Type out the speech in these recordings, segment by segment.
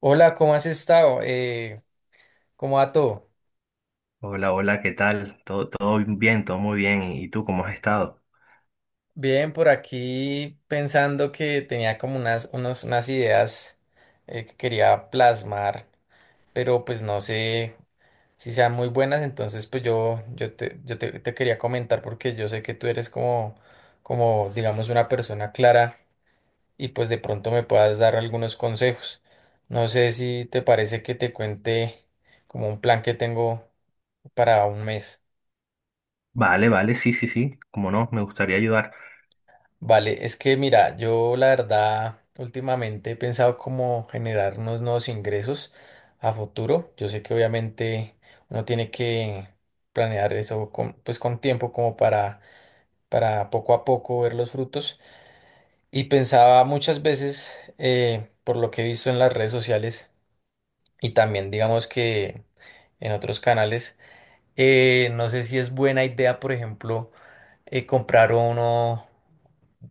Hola, ¿cómo has estado? ¿Cómo va todo? Hola, hola, ¿qué tal? Todo bien, todo muy bien. ¿Y tú cómo has estado? Bien, por aquí pensando que tenía como unas ideas que quería plasmar, pero pues no sé si sean muy buenas, entonces pues te quería comentar porque yo sé que tú eres como digamos, una persona clara y pues de pronto me puedas dar algunos consejos. No sé si te parece que te cuente como un plan que tengo para un mes. Vale, vale, sí, sí, sí, cómo no, me gustaría ayudar. Vale, es que mira, yo la verdad últimamente he pensado cómo generar unos nuevos ingresos a futuro. Yo sé que obviamente uno tiene que planear eso con, pues con tiempo como para poco a poco ver los frutos. Y pensaba muchas veces, por lo que he visto en las redes sociales y también digamos que en otros canales, no sé si es buena idea, por ejemplo, comprar uno,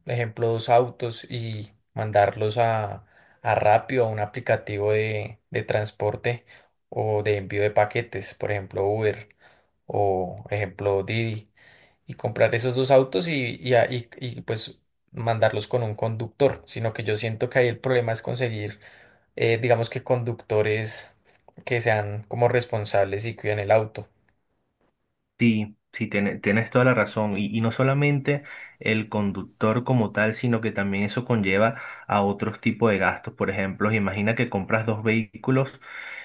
ejemplo, dos autos y mandarlos a Rappi o a un aplicativo de transporte o de envío de paquetes, por ejemplo, Uber o ejemplo Didi, y comprar esos dos autos y, pues mandarlos con un conductor, sino que yo siento que ahí el problema es conseguir, digamos que conductores que sean como responsables y cuiden el auto. Sí, sí, tienes toda la razón. Y no solamente el conductor como tal, sino que también eso conlleva a otros tipos de gastos. Por ejemplo, imagina que compras dos vehículos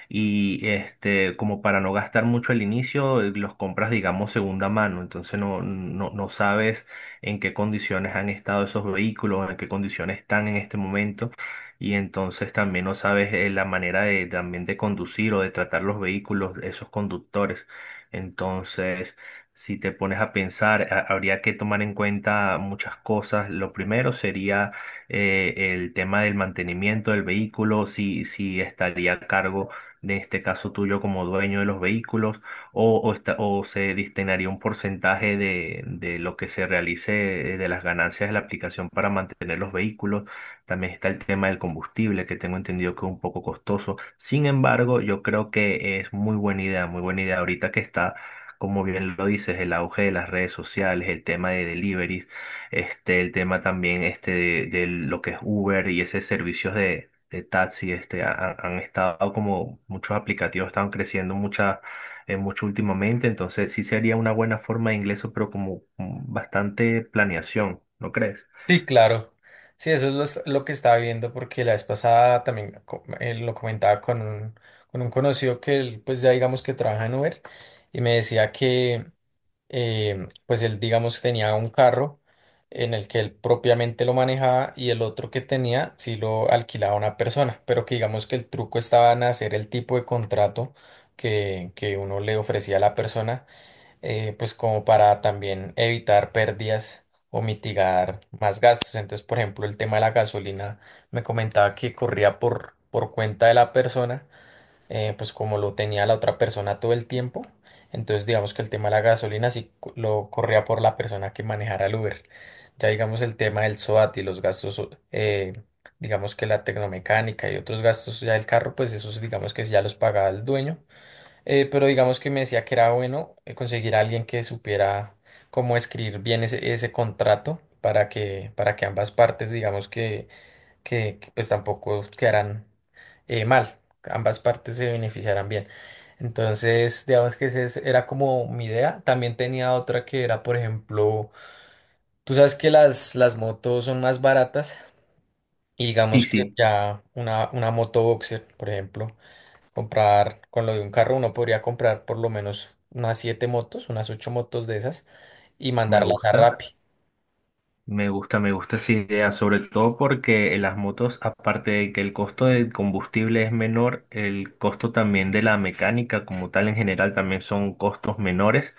y este, como para no gastar mucho al inicio, los compras, digamos, segunda mano. Entonces no sabes en qué condiciones han estado esos vehículos, en qué condiciones están en este momento. Y entonces también no sabes la manera de también de conducir o de tratar los vehículos, esos conductores. Entonces, si te pones a pensar, habría que tomar en cuenta muchas cosas. Lo primero sería el tema del mantenimiento del vehículo, si estaría a cargo de este caso tuyo como dueño de los vehículos o se destinaría un porcentaje de lo que se realice de las ganancias de la aplicación para mantener los vehículos. También está el tema del combustible, que tengo entendido que es un poco costoso. Sin embargo, yo creo que es muy buena idea, muy buena idea. Ahorita que está, como bien lo dices, el auge de las redes sociales, el tema de deliveries, este, el tema también este de lo que es Uber y ese servicios de taxi, este, han estado como muchos aplicativos están creciendo mucha, mucho últimamente. Entonces, sí sería una buena forma de ingreso, pero como bastante planeación, ¿no crees? Sí, claro. Sí, eso es lo que estaba viendo porque la vez pasada también lo comentaba con con un conocido que él, pues ya digamos que trabaja en Uber y me decía que pues él digamos tenía un carro en el que él propiamente lo manejaba y el otro que tenía sí lo alquilaba a una persona, pero que digamos que el truco estaba en hacer el tipo de contrato que uno le ofrecía a la persona pues como para también evitar pérdidas o mitigar más gastos. Entonces, por ejemplo, el tema de la gasolina, me comentaba que corría por cuenta de la persona, pues como lo tenía la otra persona todo el tiempo. Entonces, digamos que el tema de la gasolina sí lo corría por la persona que manejara el Uber. Ya digamos el tema del SOAT y los gastos, digamos que la tecnomecánica y otros gastos ya del carro, pues esos digamos que sí ya los pagaba el dueño pero digamos que me decía que era bueno conseguir a alguien que supiera cómo escribir bien ese contrato para para que ambas partes, digamos que pues tampoco quedaran mal, ambas partes se beneficiaran bien. Entonces, digamos que era como mi idea. También tenía otra que era, por ejemplo, tú sabes que las motos son más baratas y Sí, digamos que sí, ya una moto boxer, por ejemplo comprar con lo de un carro, uno podría comprar por lo menos unas siete motos, unas ocho motos de esas y me mandarlas a gusta. Rappi. Me gusta, me gusta esa idea, sobre todo porque las motos, aparte de que el costo del combustible es menor, el costo también de la mecánica como tal en general también son costos menores.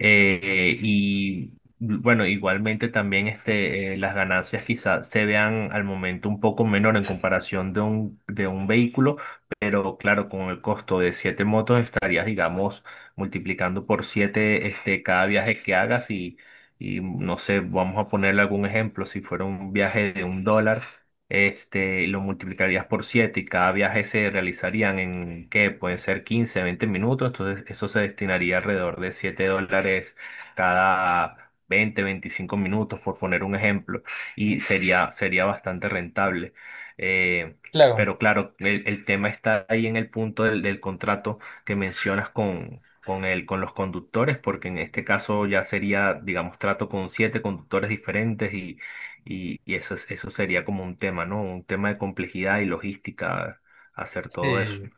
Y bueno, igualmente también este, las ganancias quizás se vean al momento un poco menor en comparación de un vehículo, pero claro, con el costo de siete motos estarías, digamos, multiplicando por siete este, cada viaje que hagas y no sé, vamos a ponerle algún ejemplo, si fuera un viaje de $1 este, lo multiplicarías por 7 y cada viaje se realizarían en, ¿qué? Pueden ser 15-20 minutos, entonces eso se destinaría alrededor de $7 cada 20-25 minutos, por poner un ejemplo, y sería bastante rentable. Eh, Claro, pero claro, el tema está ahí en el punto del contrato que mencionas con... Con los conductores, porque en este caso ya sería, digamos, trato con siete conductores diferentes y eso, eso sería como un tema, ¿no? Un tema de complejidad y logística, hacer todo eso. sí,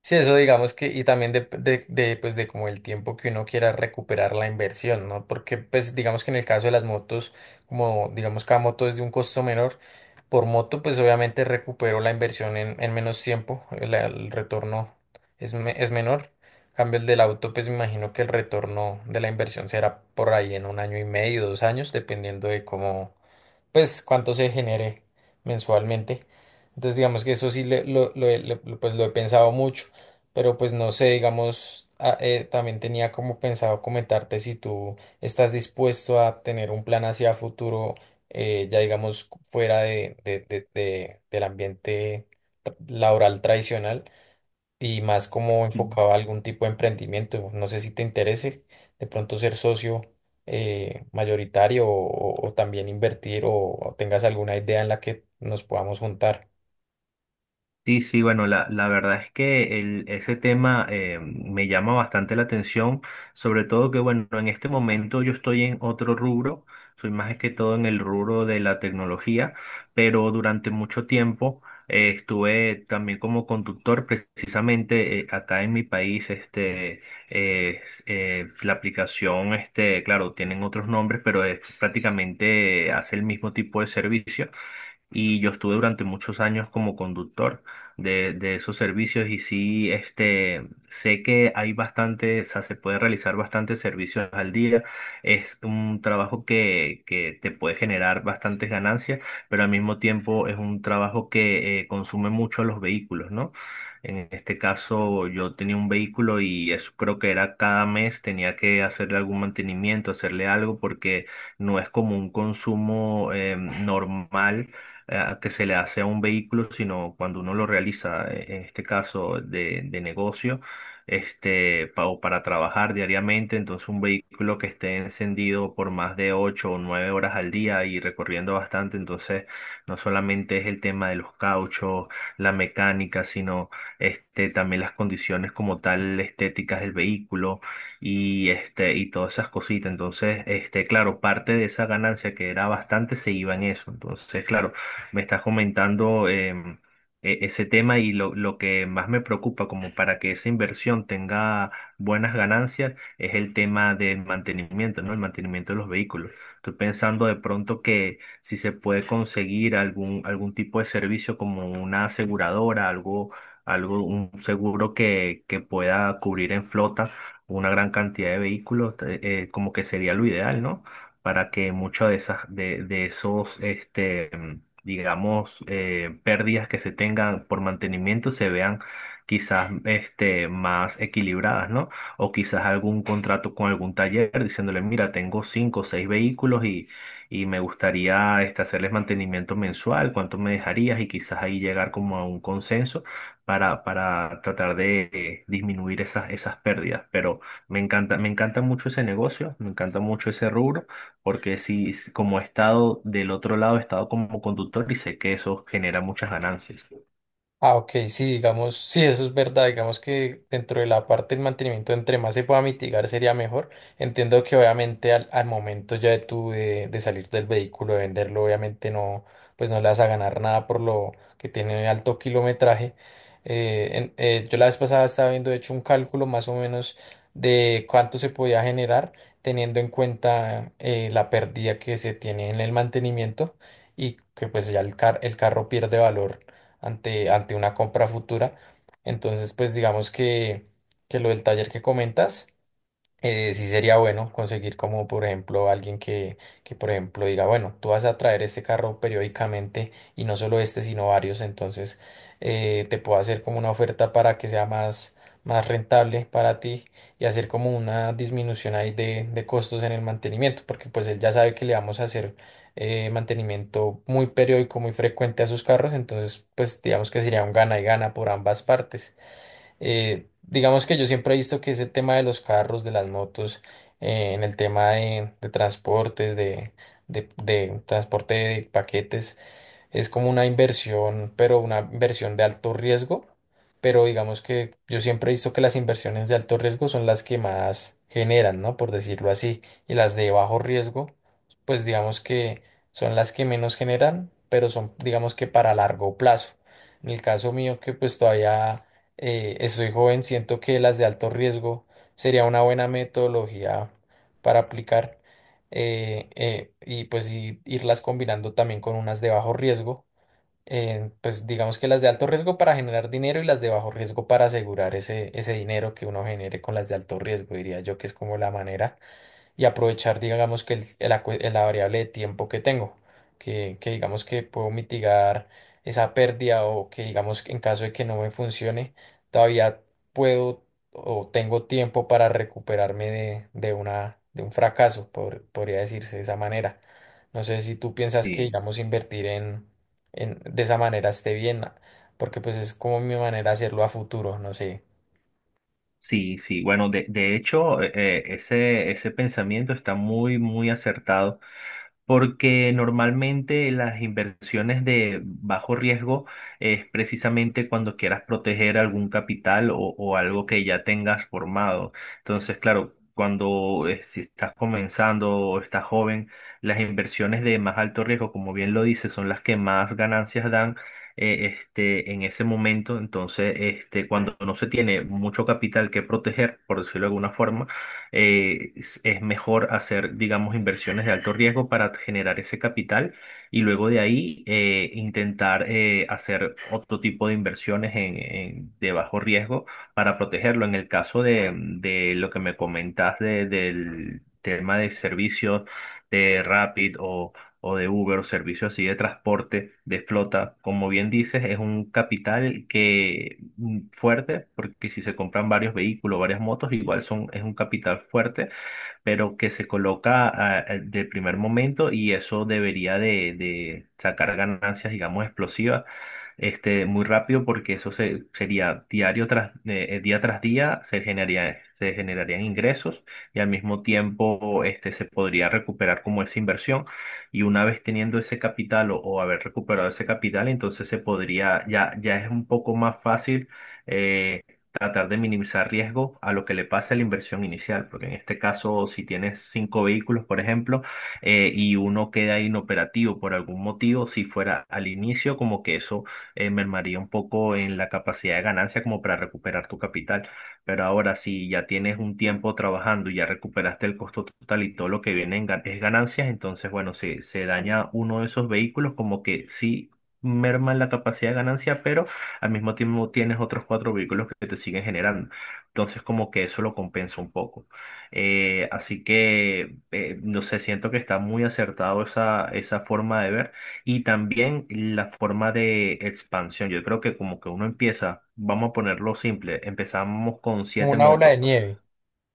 sí, eso digamos que, y también pues de como el tiempo que uno quiera recuperar la inversión, ¿no? Porque pues digamos que en el caso de las motos, como digamos cada moto es de un costo menor, por moto pues obviamente recupero la inversión en menos tiempo, el retorno es, es menor. En cambio el del auto, pues me imagino que el retorno de la inversión será por ahí en un año y medio, dos años, dependiendo de cómo pues cuánto se genere mensualmente. Entonces digamos que eso sí le- lo he- lo- pues lo he pensado mucho, pero pues no sé, digamos, ah, también tenía como pensado comentarte si tú estás dispuesto a tener un plan hacia futuro, ya digamos fuera del ambiente laboral tradicional y más como enfocado a algún tipo de emprendimiento. No sé si te interese de pronto ser socio mayoritario o también invertir o tengas alguna idea en la que nos podamos juntar. Sí, sí, bueno, la verdad es que ese tema me llama bastante la atención, sobre todo que, bueno, en este momento yo estoy en otro rubro, soy más que todo en el rubro de la tecnología, pero durante mucho tiempo estuve también como conductor, precisamente acá en mi país, este, la aplicación, este, claro, tienen otros nombres, pero es, prácticamente hace el mismo tipo de servicio y yo estuve durante muchos años como conductor de esos servicios y sí, este, sé que hay bastante, o sea, se puede realizar bastantes servicios al día. Es un trabajo que te puede generar bastantes ganancias, pero al mismo tiempo es un trabajo que consume mucho a los vehículos, ¿no? En este caso, yo tenía un vehículo y eso creo que era cada mes, tenía que hacerle algún mantenimiento, hacerle algo, porque no es como un consumo normal que se le hace a un vehículo, sino cuando uno lo realiza, en este caso de negocio, este, pa- o para trabajar diariamente. Entonces, un vehículo que esté encendido por más de 8 o 9 horas al día y recorriendo bastante, entonces no solamente es el tema de los cauchos, la mecánica, sino este, también las condiciones como tal estéticas del vehículo y este y todas esas cositas. Entonces, este, claro, parte de esa ganancia que era bastante se iba en eso. Entonces, claro, me estás comentando ese tema y lo que más me preocupa como para que esa inversión tenga buenas ganancias es el tema del mantenimiento, ¿no? El mantenimiento de los vehículos. Estoy pensando de pronto que si se puede conseguir algún tipo de servicio como una aseguradora, algo, un seguro que pueda cubrir en flota una gran cantidad de vehículos, como que sería lo ideal, ¿no? Para que muchos de esos este digamos, pérdidas que se tengan por mantenimiento se vean quizás este, más equilibradas, ¿no? O quizás algún contrato con algún taller diciéndole, mira, tengo 5 o 6 vehículos y me gustaría este, hacerles mantenimiento mensual, ¿cuánto me dejarías? Y quizás ahí llegar como a un consenso para tratar de disminuir esas pérdidas. Pero me encanta mucho ese negocio, me encanta mucho ese rubro porque si como he estado del otro lado, he estado como conductor y sé que eso genera muchas ganancias. Ah, ok, sí, digamos, sí, eso es verdad, digamos que dentro de la parte del mantenimiento, entre más se pueda mitigar, sería mejor. Entiendo que obviamente al momento ya de tú de salir del vehículo, de venderlo, obviamente no, pues no le vas a ganar nada por lo que tiene alto kilometraje. Yo la vez pasada estaba viendo, de hecho, un cálculo más o menos de cuánto se podía generar teniendo en cuenta la pérdida que se tiene en el mantenimiento y que pues ya el el carro pierde valor ante una compra futura. Entonces, pues digamos que lo del taller que comentas sí sería bueno conseguir como por ejemplo alguien que por ejemplo diga, bueno, tú vas a traer este carro periódicamente y no solo este, sino varios, entonces te puedo hacer como una oferta para que sea más, más rentable para ti y hacer como una disminución ahí de costos en el mantenimiento, porque pues él ya sabe que le vamos a hacer mantenimiento muy periódico, muy frecuente a sus carros, entonces pues digamos que sería un gana y gana por ambas partes. Digamos que yo siempre he visto que ese tema de los carros, de las motos, en el tema de transporte de paquetes, es como una inversión, pero una inversión de alto riesgo. Pero digamos que yo siempre he visto que las inversiones de alto riesgo son las que más generan, ¿no? Por decirlo así. Y las de bajo riesgo, pues digamos que son las que menos generan, pero son, digamos que para largo plazo. En el caso mío, que pues todavía estoy joven, siento que las de alto riesgo sería una buena metodología para aplicar y pues irlas combinando también con unas de bajo riesgo. Pues digamos que las de alto riesgo para generar dinero y las de bajo riesgo para asegurar ese dinero que uno genere con las de alto riesgo, diría yo que es como la manera y aprovechar, digamos, que la variable de tiempo que tengo, que digamos que puedo mitigar esa pérdida o que digamos que en caso de que no me funcione, todavía puedo o tengo tiempo para recuperarme de un fracaso, podría decirse de esa manera. No sé si tú piensas que, Sí. digamos, invertir de esa manera esté bien, porque pues es como mi manera de hacerlo a futuro, no sé, Sí, sí, bueno, de hecho, ese pensamiento está muy, muy acertado, porque normalmente las inversiones de bajo riesgo es precisamente cuando quieras proteger algún capital o algo que ya tengas formado. Entonces, claro, cuando si estás comenzando o estás joven, las inversiones de más alto riesgo, como bien lo dices, son las que más ganancias dan este, en ese momento, entonces, este, cuando no se tiene mucho capital que proteger, por decirlo de alguna forma, es mejor hacer, digamos, inversiones de alto riesgo para generar ese capital y luego de ahí intentar hacer otro tipo de inversiones en, de bajo riesgo para protegerlo. En el caso de lo que me comentas del tema de servicios de Rapid o de Uber o servicios así de transporte, de flota, como bien dices, es un capital que fuerte, porque si se compran varios vehículos, varias motos, igual son, es un capital fuerte pero que se coloca de primer momento y eso debería de sacar ganancias, digamos, explosivas, este, muy rápido porque eso sería diario día tras día, se generarían ingresos y al mismo tiempo, este, se podría recuperar como esa inversión y una vez teniendo ese capital o haber recuperado ese capital, entonces se podría, ya, ya es un poco más fácil. eh, Tratar de minimizar riesgo a lo que le pase a la inversión inicial, porque en este caso, si tienes cinco vehículos, por ejemplo, y uno queda inoperativo por algún motivo, si fuera al inicio, como que eso mermaría un poco en la capacidad de ganancia como para recuperar tu capital. Pero ahora, si ya tienes un tiempo trabajando y ya recuperaste el costo total y todo lo que viene en es ganancias, entonces, bueno, si se daña uno de esos vehículos, como que sí merma la capacidad de ganancia, pero al mismo tiempo tienes otros cuatro vehículos que te siguen generando. Entonces, como que eso lo compensa un poco. Así que, no sé, siento que está muy acertado esa forma de ver y también la forma de expansión. Yo creo que como que uno empieza, vamos a ponerlo simple, empezamos con como siete una bola de motos. nieve,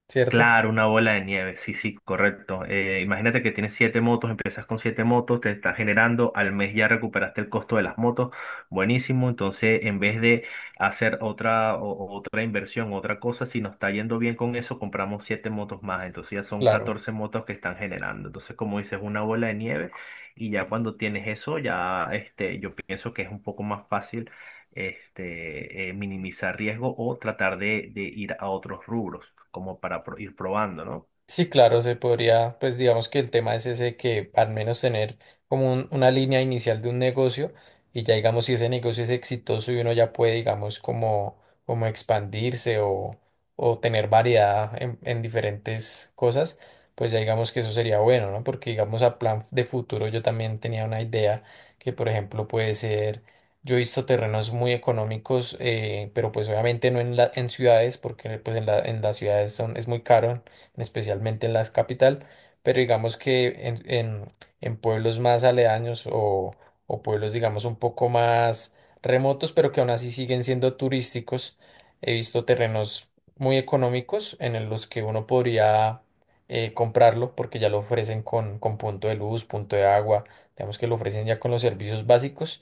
¿cierto? Claro, una bola de nieve, sí, sí, correcto. Imagínate que tienes siete motos, empiezas con siete motos, te estás generando, al mes ya recuperaste el costo de las motos, buenísimo. Entonces, en vez de hacer otra, otra inversión, otra cosa, si nos está yendo bien con eso, compramos siete motos más. Entonces ya son Claro. 14 motos que están generando. Entonces, como dices, una bola de nieve, y ya cuando tienes eso, ya este, yo pienso que es un poco más fácil este, minimizar riesgo o tratar de ir a otros rubros, como para ir probando, ¿no? Sí, claro, se podría, pues digamos que el tema es ese que al menos tener como una línea inicial de un negocio y ya digamos si ese negocio es exitoso y uno ya puede digamos como expandirse o tener variedad en diferentes cosas, pues ya digamos que eso sería bueno, ¿no? Porque digamos a plan de futuro yo también tenía una idea que por ejemplo puede ser, yo he visto terrenos muy económicos, pero pues obviamente no en ciudades porque pues en en las ciudades son, es muy caro especialmente en la capital, pero digamos que en pueblos más aledaños o pueblos, digamos, un poco más remotos, pero que aún así siguen siendo turísticos, he visto terrenos muy económicos en los que uno podría comprarlo porque ya lo ofrecen con punto de luz, punto de agua, digamos que lo ofrecen ya con los servicios básicos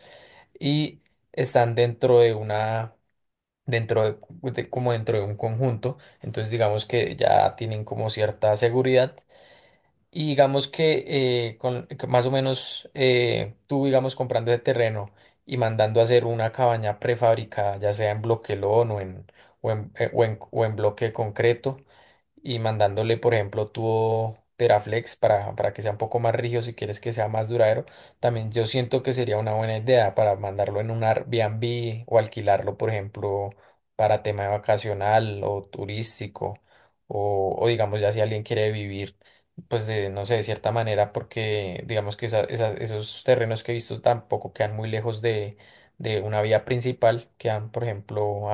y están dentro de una dentro de, como dentro de un conjunto, entonces digamos que ya tienen como cierta seguridad y digamos que que más o menos tú digamos comprando el terreno y mandando a hacer una cabaña prefabricada, ya sea en bloquelón o en bloque de concreto, y mandándole, por ejemplo, tubo Teraflex para que sea un poco más rígido si quieres que sea más duradero, también yo siento que sería una buena idea para mandarlo en un Airbnb o alquilarlo, por ejemplo, para tema vacacional o turístico o digamos ya si alguien quiere vivir. Pues de, no sé, de cierta manera, porque digamos que esos terrenos que he visto tampoco quedan muy lejos de una vía principal, quedan, por ejemplo,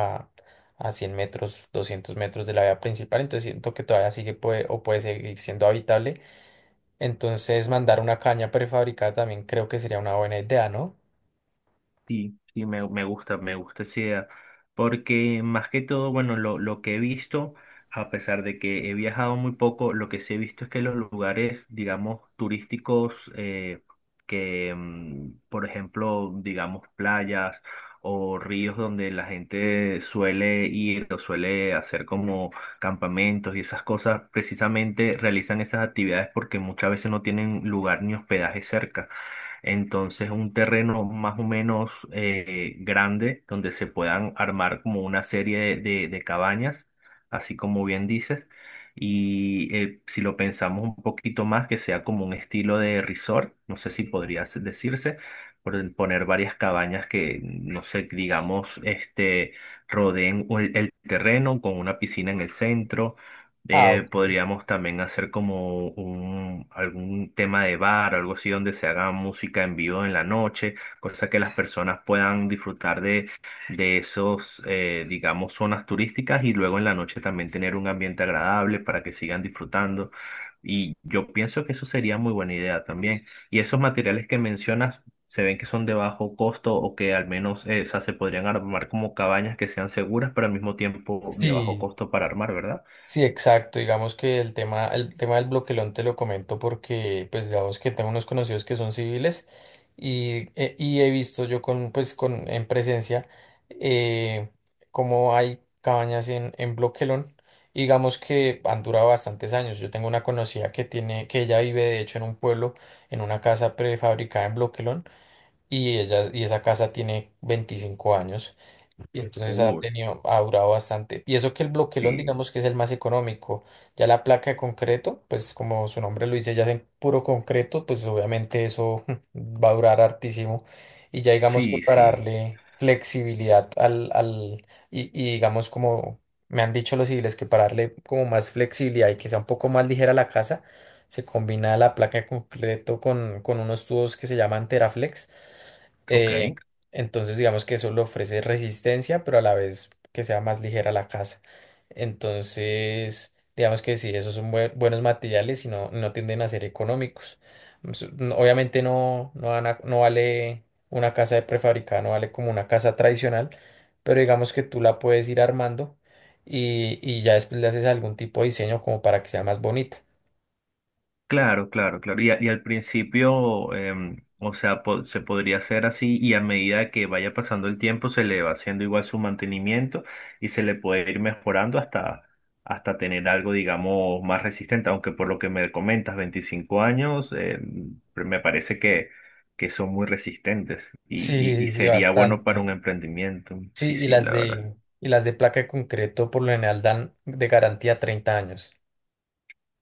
a 100 metros, 200 metros de la vía principal, entonces siento que todavía sigue puede, o puede seguir siendo habitable. Entonces mandar una caña prefabricada también creo que sería una buena idea, ¿no? Sí, sí, me gusta, me gusta esa idea, porque más que todo, bueno, lo que he visto, a pesar de que he viajado muy poco, lo que sí he visto es que los lugares, digamos, turísticos, que, por ejemplo, digamos, playas o ríos donde la gente suele ir o suele hacer como campamentos y esas cosas, precisamente realizan esas actividades porque muchas veces no tienen lugar ni hospedaje cerca. Entonces, un terreno más o menos grande donde se puedan armar como una serie de cabañas, así como bien dices. Y si lo pensamos un poquito más, que sea como un estilo de resort, no sé si podría decirse, por el poner varias cabañas que, no sé, digamos, este, rodeen el terreno con una piscina en el centro Ah, ok. podríamos también hacer como un, algún tema de bar, algo así donde se haga música en vivo en la noche, cosa que las personas puedan disfrutar de esos, digamos, zonas turísticas y luego en la noche también tener un ambiente agradable para que sigan disfrutando. Y yo pienso que eso sería muy buena idea también. Y esos materiales que mencionas, se ven que son de bajo costo o que al menos, o sea, se podrían armar como cabañas que sean seguras, pero al mismo tiempo de bajo Sí. costo para armar, ¿verdad? Sí, exacto. Digamos que el tema del bloquelón te lo comento porque, pues, digamos que tengo unos conocidos que son civiles y he visto yo en presencia eh, cómo hay cabañas en bloquelón. Y digamos que han durado bastantes años. Yo tengo una conocida que tiene, que ella vive de hecho en un pueblo, en una casa prefabricada en bloquelón y ella, y esa casa tiene 25 años. Y entonces ha Uh, tenido, ha durado bastante. Y eso que el bloquelón, Sí, digamos que es el más económico. Ya la placa de concreto, pues como su nombre lo dice, ya es en puro concreto, pues obviamente eso va a durar hartísimo. Y ya digamos que sí, para sí, darle flexibilidad al, al y digamos como me han dicho los civiles, que para darle como más flexibilidad y que sea un poco más ligera la casa, se combina la placa de concreto con unos tubos que se llaman Teraflex ok. eh, entonces, digamos que eso le ofrece resistencia, pero a la vez que sea más ligera la casa. Entonces, digamos que sí, esos son buenos materiales y no, no tienden a ser económicos. Mm, obviamente no, no vale una casa de prefabricada, no vale como una casa tradicional, pero digamos que tú la puedes ir armando y ya después le haces algún tipo de diseño como para que sea más bonita. Claro, claro, claro. Y al principio, o sea, se podría hacer así y a medida que vaya pasando el tiempo se le va haciendo igual su mantenimiento y se le puede ir mejorando hasta, tener algo, digamos, más resistente, aunque por lo que me comentas, 25 años, me parece que, son muy resistentes y Sí, sí, sería bueno para un bastante. emprendimiento. Sí, Sí, y sí, la verdad. Y las de placa de concreto por lo general dan de garantía 30 años.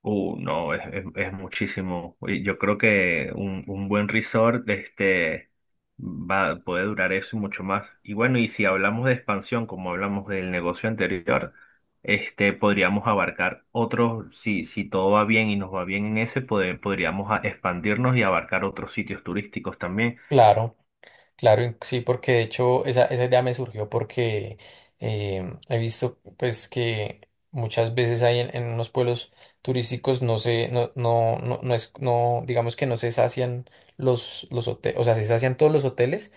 No, es, es muchísimo. Y yo creo que un buen resort este, va, puede durar eso y mucho más. Y bueno, y si hablamos de expansión, como hablamos del negocio anterior, este, podríamos abarcar otros, si todo va bien y nos va bien en ese, poder podríamos expandirnos y abarcar otros sitios turísticos también. Claro, claro, sí, porque de hecho esa idea me surgió porque he visto pues que muchas veces hay en unos pueblos turísticos no se, no, no, no, no es, no, digamos que no se sacian los hoteles, o sea, se sacian todos los hoteles,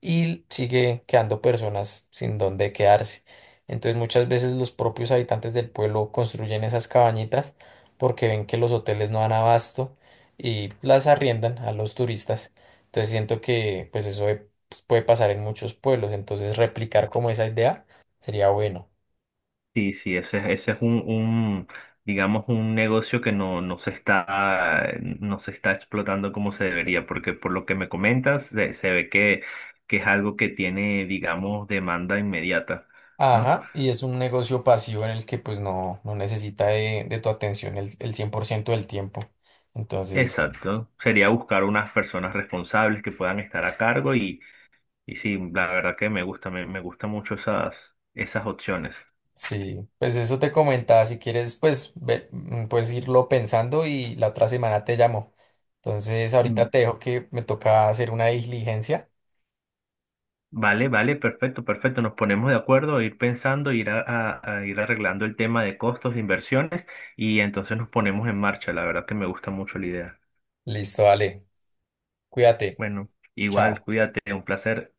y sigue quedando personas sin dónde quedarse. Entonces muchas veces los propios habitantes del pueblo construyen esas cabañitas porque ven que los hoteles no dan abasto y las arriendan a los turistas. Entonces siento que pues eso pues, puede pasar en muchos pueblos, entonces replicar como esa idea sería bueno. Sí, sí, ese es un, digamos, un negocio que no se está explotando como se debería, porque por lo que me comentas, se ve que es algo que tiene, digamos, demanda inmediata, ¿no? Ajá, y es un negocio pasivo en el que pues no, no necesita de tu atención el 100% del tiempo. Entonces... Exacto. Sería buscar unas personas responsables que puedan estar a cargo y sí, la verdad que me, gusta, me gusta mucho esas opciones. Sí, pues eso te comentaba, si quieres, pues puedes irlo pensando y la otra semana te llamo. Entonces, ahorita te dejo que me toca hacer una diligencia. Vale, vale, perfecto, perfecto. Nos ponemos de acuerdo, ir pensando, a ir arreglando el tema de costos, de inversiones y entonces nos ponemos en marcha. La verdad que me gusta mucho la idea. Listo, dale, cuídate, Bueno, igual, chao. cuídate, un placer.